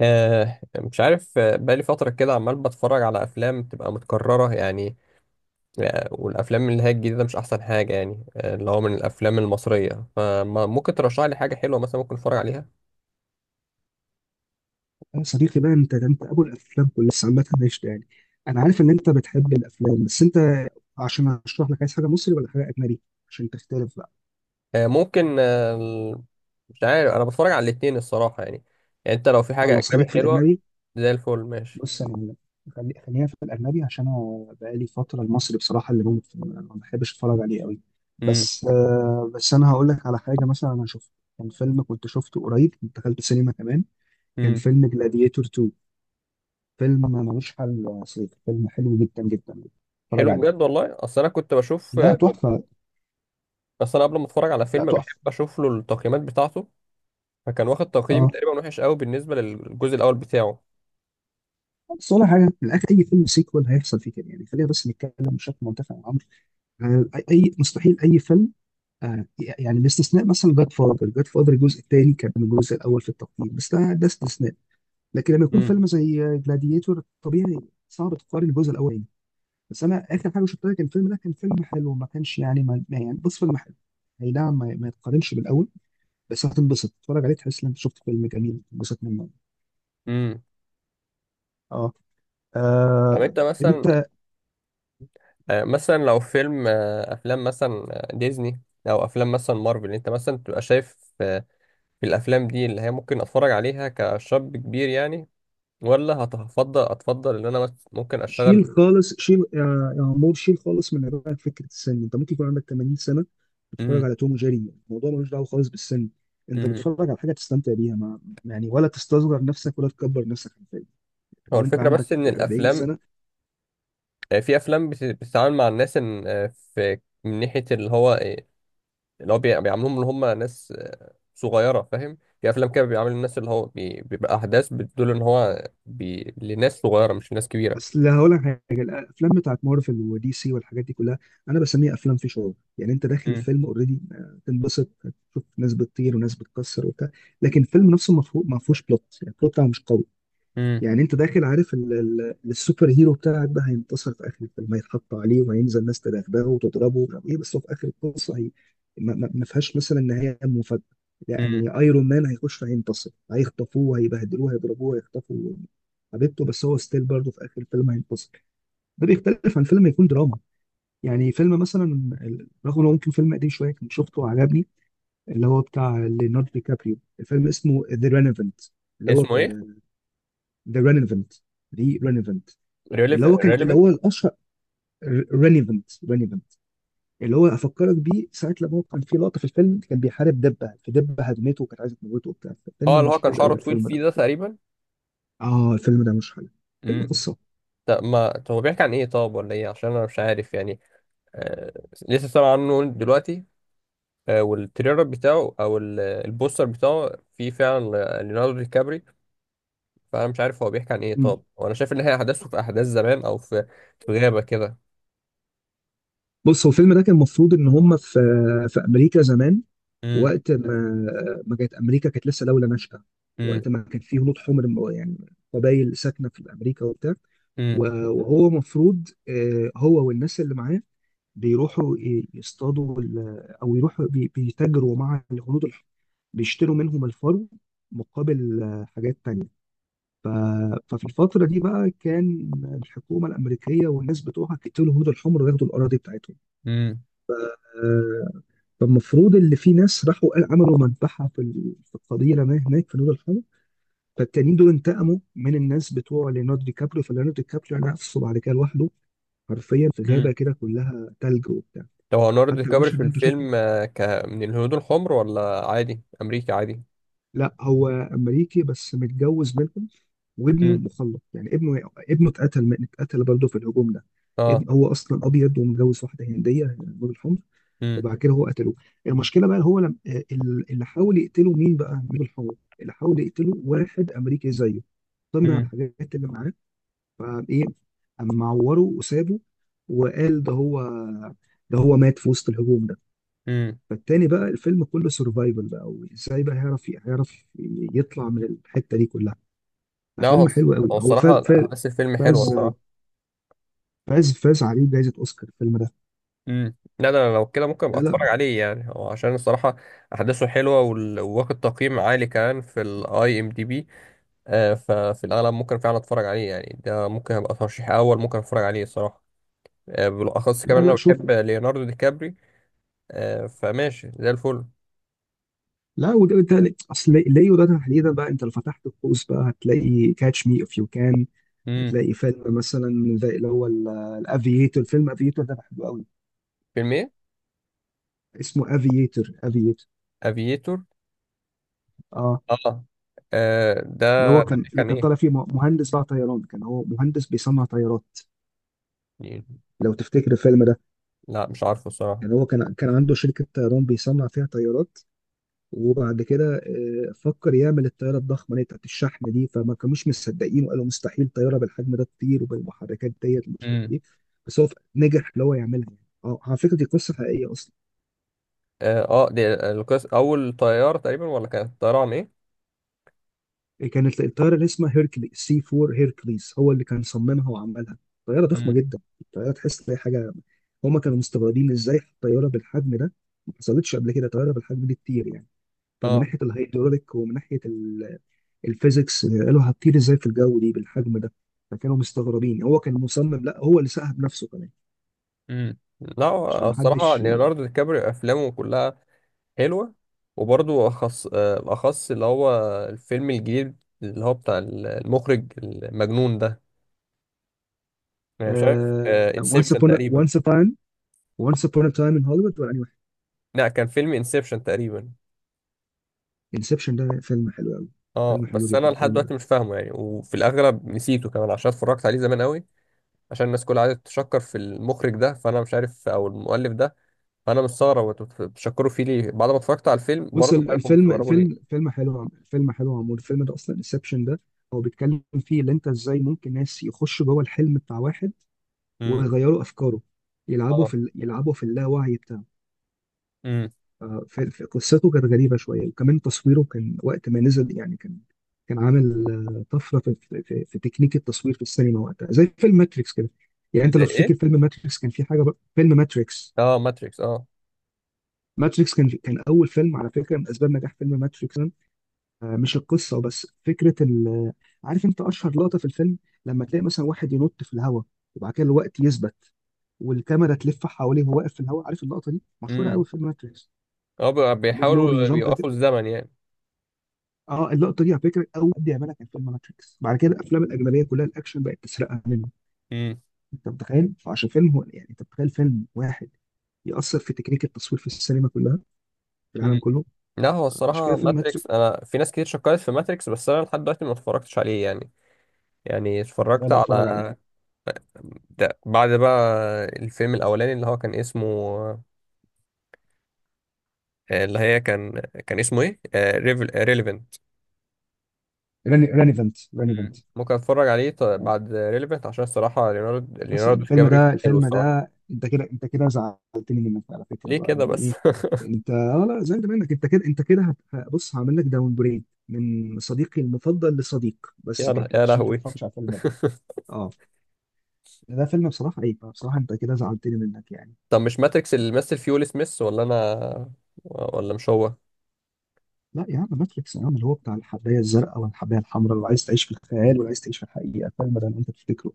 مش عارف، بقالي فترة كده عمال بتفرج على أفلام بتبقى متكررة يعني. والأفلام اللي هي الجديدة مش أحسن حاجة يعني. اللي هو من الأفلام المصرية، فممكن ترشح لي حاجة حلوة مثلا ممكن أتفرج عليها؟ يا صديقي بقى، انت ده انت ابو الافلام كلها، بس عامه قشطه. انا عارف ان انت بتحب الافلام، بس انت عشان اشرح لك، عايز حاجه مصري ولا حاجه اجنبي عشان تختلف بقى؟ ممكن. مش عارف، أنا بتفرج على الاتنين الصراحة يعني. يعني أنت لو في حاجة خلاص أجنبي خليك في حلوة، الاجنبي. زي الفل ماشي. بص انا، خلينا في الاجنبي عشان انا بقالي فتره المصري بصراحه اللي بموت فيه، انا ما بحبش اتفرج عليه قوي. امم. بس انا هقول لك على حاجه مثلا انا شفته. كان فيلم كنت شفته قريب، كنت دخلت سينما كمان. كان امم. فيلم جلاديتور 2. فيلم ملوش حل يا صديقي، فيلم حلو جدا جدا، اتفرج حلو بجد عليه. والله. أصل أنا كنت بشوف، لا آه، كنت تحفه، بس أنا قبل ما أتفرج على لا فيلم بحب تحفه. أشوف له التقييمات بتاعته. فكان واخد تقييم اه، تقريبا وحش قوي بالنسبة للجزء الأول بتاعه. بس ولا حاجه، في الاخر اي فيلم سيكوال هيحصل فيه كده يعني. خلينا بس نتكلم بشكل منتفع عن الامر. آه، اي مستحيل اي فيلم. آه، يعني باستثناء مثلا جاد فاذر، جاد فاذر الجزء الثاني كان الجزء الاول في التقييم، بس ده استثناء. لكن لما يكون امم. فيلم زي جلاديتور، طبيعي صعب تقارن الجزء الاولاني. بس انا اخر حاجه شفتها كان الفيلم ده، كان فيلم حلو، ما كانش يعني يعني بص فيلم حلو. اي نعم ما يتقارنش بالاول، بس هتنبسط تتفرج عليه، تحس ان انت شفت فيلم جميل تنبسط منه. امم. اه آه، طب انت مثلا، مثلا لو فيلم، افلام مثلا، ديزني، او افلام مثلا مارفل، انت مثلا تبقى شايف في الافلام دي اللي هي ممكن اتفرج عليها كشاب كبير يعني؟ ولا هتفضل ان انا بس ممكن شيل اشتغل؟ خالص، شيل يا عمور، شيل خالص من دماغك فكره السن. انت ممكن يكون عندك 80 سنه بتتفرج امم. على توم وجيري، الموضوع ملوش دعوه خالص بالسن. انت امم. بتتفرج على حاجه تستمتع بيها، ما يعني ولا تستصغر نفسك ولا تكبر نفسك حرفيا. هو لو انت الفكره عندك بس ان 40 الافلام، سنه. في افلام بتتعامل مع الناس ان، في من ناحيه اللي هو، بيعاملوهم ان هم ناس صغيره، فاهم؟ في افلام كده بيعاملوا الناس بيبقى احداث بتدل ان هو لناس صغيره مش لناس كبيره. اصل هقول لك حاجه، الافلام بتاعت مارفل ودي سي والحاجات دي كلها، انا بسميها افلام في شعور، يعني انت داخل امم. الفيلم اوريدي تنبسط، تشوف ناس بتطير وناس بتكسر وبتاع، لكن الفيلم نفسه ما فيهوش بلوت، يعني البلوت بتاعه مش قوي. امم. يعني انت داخل عارف السوبر هيرو بتاعك ده هينتصر في اخر الفيلم، هيتحط عليه وهينزل ناس تدغدغه وتضربه ومش عارف ايه، بس هو في اخر القصه هي ما فيهاش مثلا نهايه مفاجاه. امم. يعني ايرون مان هيخش، هينتصر، هيخطفوه، هيبهدلوه، هيضربوه، هيخطفوا حبيبته، بس هو ستيل برضه في اخر الفيلم هينتصر. ده بيختلف عن فيلم يكون دراما. يعني فيلم مثلا رغم انه ممكن فيلم قديم شويه كنت شفته وعجبني، اللي هو بتاع ليوناردو دي كابريو، الفيلم اسمه ذا رينيفنت. اللي هو اسمه ايه؟ في ذا رينيفنت، دي رينيفنت، اللي هو كان اللي هو ريليفن. الاشهر. ريليفنت، ريليفنت. اللي هو افكرك بيه ساعه لما هو كان في لقطه في الفيلم كان بيحارب دبه، فدبه هدمته وكانت عايزه تموته وبتاع. اه، فيلم اللي هو كان مشهور قوي شعره طويل الفيلم ده. فيه ده تقريبا. اه الفيلم ده مش حلو، فيلم امم. قصه. طب ما طب هو بيحكي عن ايه؟ طب ولا ايه؟ عشان انا مش عارف يعني. آه... لسه سامع عنه دلوقتي. والتريلر بتاعه او البوستر بتاعه فيه فعلا ليوناردو دي كابري. فانا مش عارف هو بيحكي عن ايه؟ مم. طب وانا شايف ان هي احداثه في احداث زمان او في غابه كده. بص هو الفيلم ده كان المفروض ان هم في في امريكا زمان، امم. وقت ما ما كانت امريكا كانت لسه دوله ناشئه، امم. وقت ما كان في هنود حمر، يعني قبائل ساكنه في امريكا وبتاع. امم. وهو مفروض هو والناس اللي معاه بيروحوا يصطادوا او يروحوا بيتاجروا مع الهنود الحمر، بيشتروا منهم الفرو مقابل حاجات تانية. ف- ففي الفترة دي بقى كان الحكومة الأمريكية والناس بتوعها قتلوا الهنود الحمر وياخدوا الأراضي بتاعتهم. امم. آه، فالمفروض اللي في ناس راحوا عملوا مذبحة في في القبيلة ما هناك في نور الحرب، فالتانيين دول انتقموا من الناس بتوع ليوناردو دي كابريو. فليوناردو دي كابريو يعني نفسه بعد كده لوحده حرفيا في غابة امم. كده كلها تلج وبتاع. لو هو ليوناردو دي حتى كابري المشهد في اللي انت شفته، الفيلم، آه، ك من الهنود الحمر ولا عادي امريكي عادي؟ لا هو أمريكي بس متجوز منهم، وابنه امم. مخلط، يعني ابنه، ابنه اتقتل برضه في الهجوم ده. اه. ابن هو اصلا ابيض ومتجوز واحده هنديه نور الحمر، امم. وبعد كده هو قتلوه. المشكله بقى هو لم... آه، ال- اللي حاول يقتله مين بقى، مين الحوار، اللي حاول يقتله واحد امريكي زيه، طمع امم. الحاجات اللي معاه، فايه قام معوره وسابه، وقال ده هو، ده هو مات في وسط الهجوم ده. امم. فالتاني بقى الفيلم كله سرفايفل بقى، وازاي بقى هيعرف يطلع من الحته دي كلها. لا، ففيلم حلو قوي، هو هو فاز، الصراحه احداث الفيلم حلوه فاز الصراحه. فاز فاز عليه جائزه اوسكار الفيلم ده. امم. لا ده انا لو كده ممكن لا ابقى لا اتفرج عليه يعني، هو عشان الصراحه احداثه حلوه، وواخد تقييم عالي كمان في الIMDb. ففي الأغلب ممكن فعلا أتفرج عليه يعني، ده ممكن أبقى ترشيح أول ممكن أتفرج عليه الصراحة. بالأخص لا كمان أنا لا بحب شوفه. ليوناردو دي كابري. فماشي زي الفل. لا وده بالتالي اصل ليو ده تحديدا بقى انت لو فتحت القوس بقى هتلاقي كاتش مي اف يو كان، امم. هتلاقي فيلم مثلا زي اللي هو الافييتور، فيلم افييتور ده بحبه قوي. فيلم إيه؟ اسمه افييتور، افييتور. أفييتور. اه آه. ده اللي هو كان اللي كان، كان طالع فيه مهندس بقى طيران، كان هو مهندس بيصنع طيارات. إيه؟ لو تفتكر الفيلم ده، لا مش عارفه الصراحة. كان كان عنده شركة طيران بيصنع فيها طيارات، وبعد كده فكر يعمل الطياره الضخمه اللي هي بتاعت الشحن دي، فما كانوش مصدقين وقالوا مستحيل طياره بالحجم ده تطير وبالمحركات ديت ومش عارف امم. ايه، بس هو نجح اللي هو يعملها يعني. اه على فكره دي قصه حقيقيه اصلا. دي القصة أول طيارة تقريبا، ولا كانت طيارة عن إيه؟ كانت الطياره اللي اسمها هيركلي سي 4، هيركليز، هو اللي كان صممها وعملها، طياره ضخمه امم. جدا، طياره تحس ان هي حاجه. هما كانوا مستغربين ازاي الطياره بالحجم ده، ما حصلتش قبل كده طياره بالحجم دي تطير يعني. فمن آه. ناحيه الهيدروليك ومن ناحيه الفيزيكس قالوا هتطير ازاي في الجو دي بالحجم ده. فكانوا مستغربين هو كان مصمم، لا هو اللي ساها بنفسه كمان، امم. لا عشان هو ما الصراحة حدش. ليوناردو دي كابري أفلامه كلها حلوة، وبرضو أخص اللي هو الفيلم الجديد، اللي هو بتاع المخرج المجنون ده، أنا مش عارف، وانس انسبشن upon a تقريبا. وانس upon وانس upon a time in Hollywood، ولا أي واحد؟ لا، كان فيلم انسبشن تقريبا. انسبشن ده فيلم حلو قوي، اه، فيلم حلو بس انا جدا لحد الفيلم ده. دلوقتي مش فاهمه يعني، وفي الاغلب نسيته كمان عشان اتفرجت عليه زمان قوي. عشان الناس كلها قاعده تشكر في المخرج ده، فانا مش عارف، او المؤلف ده، فانا مستغرب انتوا بتشكروا فيه ليه بعد ما اتفرجت على الفيلم. بص برضه مش ال- عارف هم الفيلم مستغربوا الفيلم ليه. فيلم حلو، فيلم حلو عمود الفيلم ده اصلا انسبشن ده. هو بيتكلم فيه ان انت ازاي ممكن ناس يخشوا جوه الحلم بتاع واحد امم. ويغيروا افكاره، يلعبوا اه. في يلعبوا في اللاوعي بتاعه. امم. في في قصته كانت غريبة شوية، وكمان تصويره كان وقت ما نزل يعني كان كان عامل طفرة في تكنيك التصوير في السينما وقتها زي فيلم ماتريكس كده. يعني انت زي لو ايه؟ تفتكر فيلم ماتريكس كان في حاجة بقى فيلم ماتريكس. اه، ماتريكس. ماتريكس كان، كان أول فيلم على فكرة، من أسباب نجاح فيلم ماتريكس مش القصة بس، فكرة عارف انت أشهر لقطة في الفيلم؟ لما تلاقي مثلا واحد ينط في الهواء وبعد كده الوقت يثبت، والكاميرا تلف حواليه وهو واقف في الهواء، عارف اللقطة دي مشهورة اه. قوي في فيلم ماتريكس، اللي هو بيحاولوا بيجامب. بيوقفوا الزمن يعني. اه اللقطه دي على فكره اول حد يعملها كان فيلم ماتريكس، بعد كده الافلام الاجنبيه كلها الاكشن بقت تسرقها منه. امم. انت متخيل، فعشان فيلم هو، يعني انت متخيل فيلم واحد يأثر في تكنيك التصوير في السينما كلها في امم. العالم كله؟ لا هو عشان كده الصراحة فيلم ماتريكس. ماتريكس، أنا في ناس كتير شكرت في ماتريكس، بس أنا لحد دلوقتي ما اتفرجتش عليه يعني. يعني لا اتفرجت لا اتفرج عليه. على ده بعد بقى، الفيلم الأولاني اللي هو كان اسمه، آه، اللي هي كان كان اسمه إيه؟ ريليفنت. راني فنت. مم. ممكن أتفرج عليه آه. بعد ريليفنت عشان الصراحة ليوناردو مثلا الفيلم ديكابري ده، حلو الفيلم الصراحة. ده انت كده، انت كده زعلتني منك على فكره ليه بقى كده يعني بس؟ ايه. انت اه لا، زعلت منك، انت كده، بص هعمل لك داون بريد من صديقي المفضل لصديق بس كده يا عشان انت ما لهوي! بتتفرجش على الفيلم ده. اه ده فيلم بصراحة ايه، بصراحة انت كده زعلتني منك يعني. طب مش ماتريكس اللي مثل فيه ويل سميث؟ ولا أنا، ولا مش هو؟ لا يا عم ماتريكس، يا عم اللي هو بتاع الحباية الزرقاء والحباية الحمراء، اللي عايز تعيش في الخيال واللي عايز تعيش في الحقيقة، الفيلم ده اللي انت تفتكره.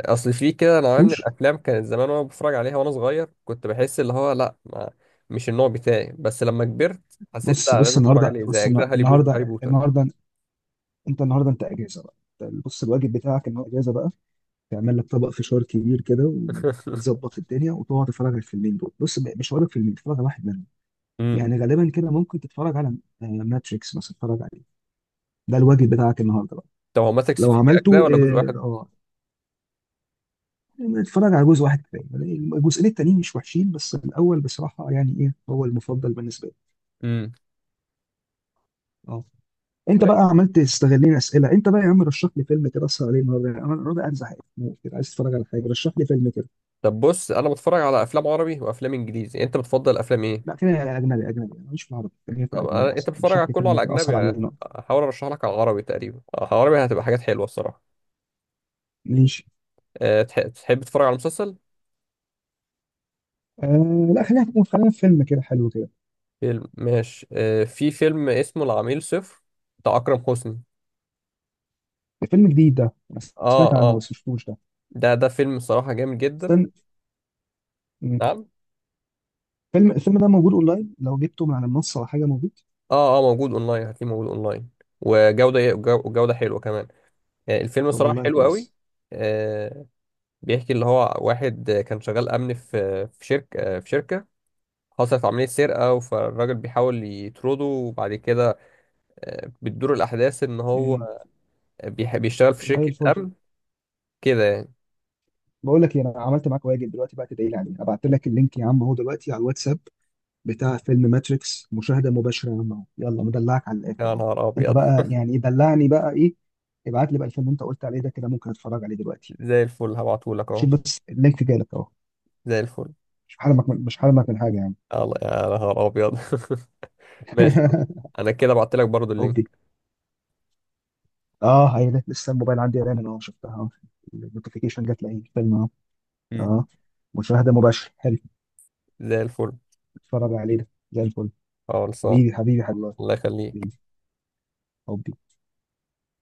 اصل في كده نوعيه من بوش. الافلام كانت زمان وانا بتفرج عليها، وانا صغير كنت بحس اللي هو لا، ما مش النوع بتاعي. بس لما كبرت حسيت بص لا، لازم بص اتفرج النهاردة، عليه، زي اجزاء هاري بوتر. هاري النهاردة، بوتر. النهاردة انت النهاردة انت اجازة بقى. أنت بص الواجب بتاعك انه اجازة بقى تعمل لك طبق فشار كبير كده وتظبط الدنيا وتقعد تتفرج على الفيلمين دول. بص مش هقول لك فيلمين، تتفرج على واحد منهم امم. يعني. غالبا كده ممكن تتفرج على ماتريكس مثلا، تتفرج عليه، ده الواجب بتاعك النهارده بقى. طب هو ماتت لو في عملته اجزاء ولا جزء واحد؟ اتفرج على جزء واحد كفايه، الجزئين التانيين مش وحشين، بس الاول بصراحه يعني ايه، هو المفضل بالنسبه لي. امم. اه. انت بقى ماشي. عملت استغلين اسئله انت بقى، يا عم رشح لي فيلم كده اسهر عليه النهارده. يعني انا النهارده قاعد زهقان موت كده، عايز اتفرج على حاجه، رشح لي فيلم كده. طب بص، انا بتفرج على افلام عربي وافلام انجليزي، انت بتفضل افلام لا ايه؟ خلينا اجنبي، اجنبي، انا ماليش في العربي، خلينا في الاجنبي انت احسن، بتتفرج رشح على لي كله فيلم على كده اسهر عليه اجنبي؟ النهارده. احاول ارشح لك على عربي تقريبا. عربي هتبقى حاجات حلوه الصراحه. ليش؟ تحب تتفرج على مسلسل؟ آه لا خلينا في فيلم كده حلو كده. فيلم ماشي. في فيلم اسمه العميل صفر بتاع اكرم حسني. فيلم جديد ده، انا سمعت اه عنه اه، بس مشفتوش ده. ده فيلم صراحة جامد جدا. استنى. مم. نعم. فيلم، الفيلم ده موجود اونلاين؟ لو جبته من على المنصه ولا حاجه موجود؟ اه اه، موجود اونلاين، هتلاقيه موجود اونلاين. وجودة حلوة كمان. يعني الفيلم طب صراحة والله حلو قوي. كويس، آه بيحكي اللي هو واحد، كان شغال امن في شركة، في شركة حصلت عملية سرقة، فالراجل بيحاول يطرده، وبعد كده بتدور الأحداث إن هو بيشتغل في زي شركة الفل. أمن كده يعني. بقول لك إيه، انا عملت معاك واجب دلوقتي بقى تدعي لي عليه، ابعت لك اللينك يا عم اهو دلوقتي على الواتساب بتاع فيلم ماتريكس، مشاهده مباشره يا عم اهو، يلا مدلعك على الاخر يا اهو. نهار انت أبيض! بقى يعني إيه، دلعني بقى ايه، ابعت لي بقى الفيلم اللي انت قلت عليه ده، كده ممكن اتفرج عليه دلوقتي. زي الفل، هبعتهولك أهو. شوف بس اللينك جالك اهو. زي الفل. مش حرمك من حاجه يعني. يلا يا نهار أبيض! ماشي، انا كده بعت لك برضو هوبي. اللينك. اه هي ده. لسه الموبايل عندي رن اهو، شفتها اهو، النوتيفيكيشن جت لي الفيلم اهو. مم. اه مشاهده مباشره، حلو. زي الفل. اتفرج عليه ده، زي الفل. اه خلصان. حبيبي، حبيبي، حبيبي. الله يخليك. هوبي.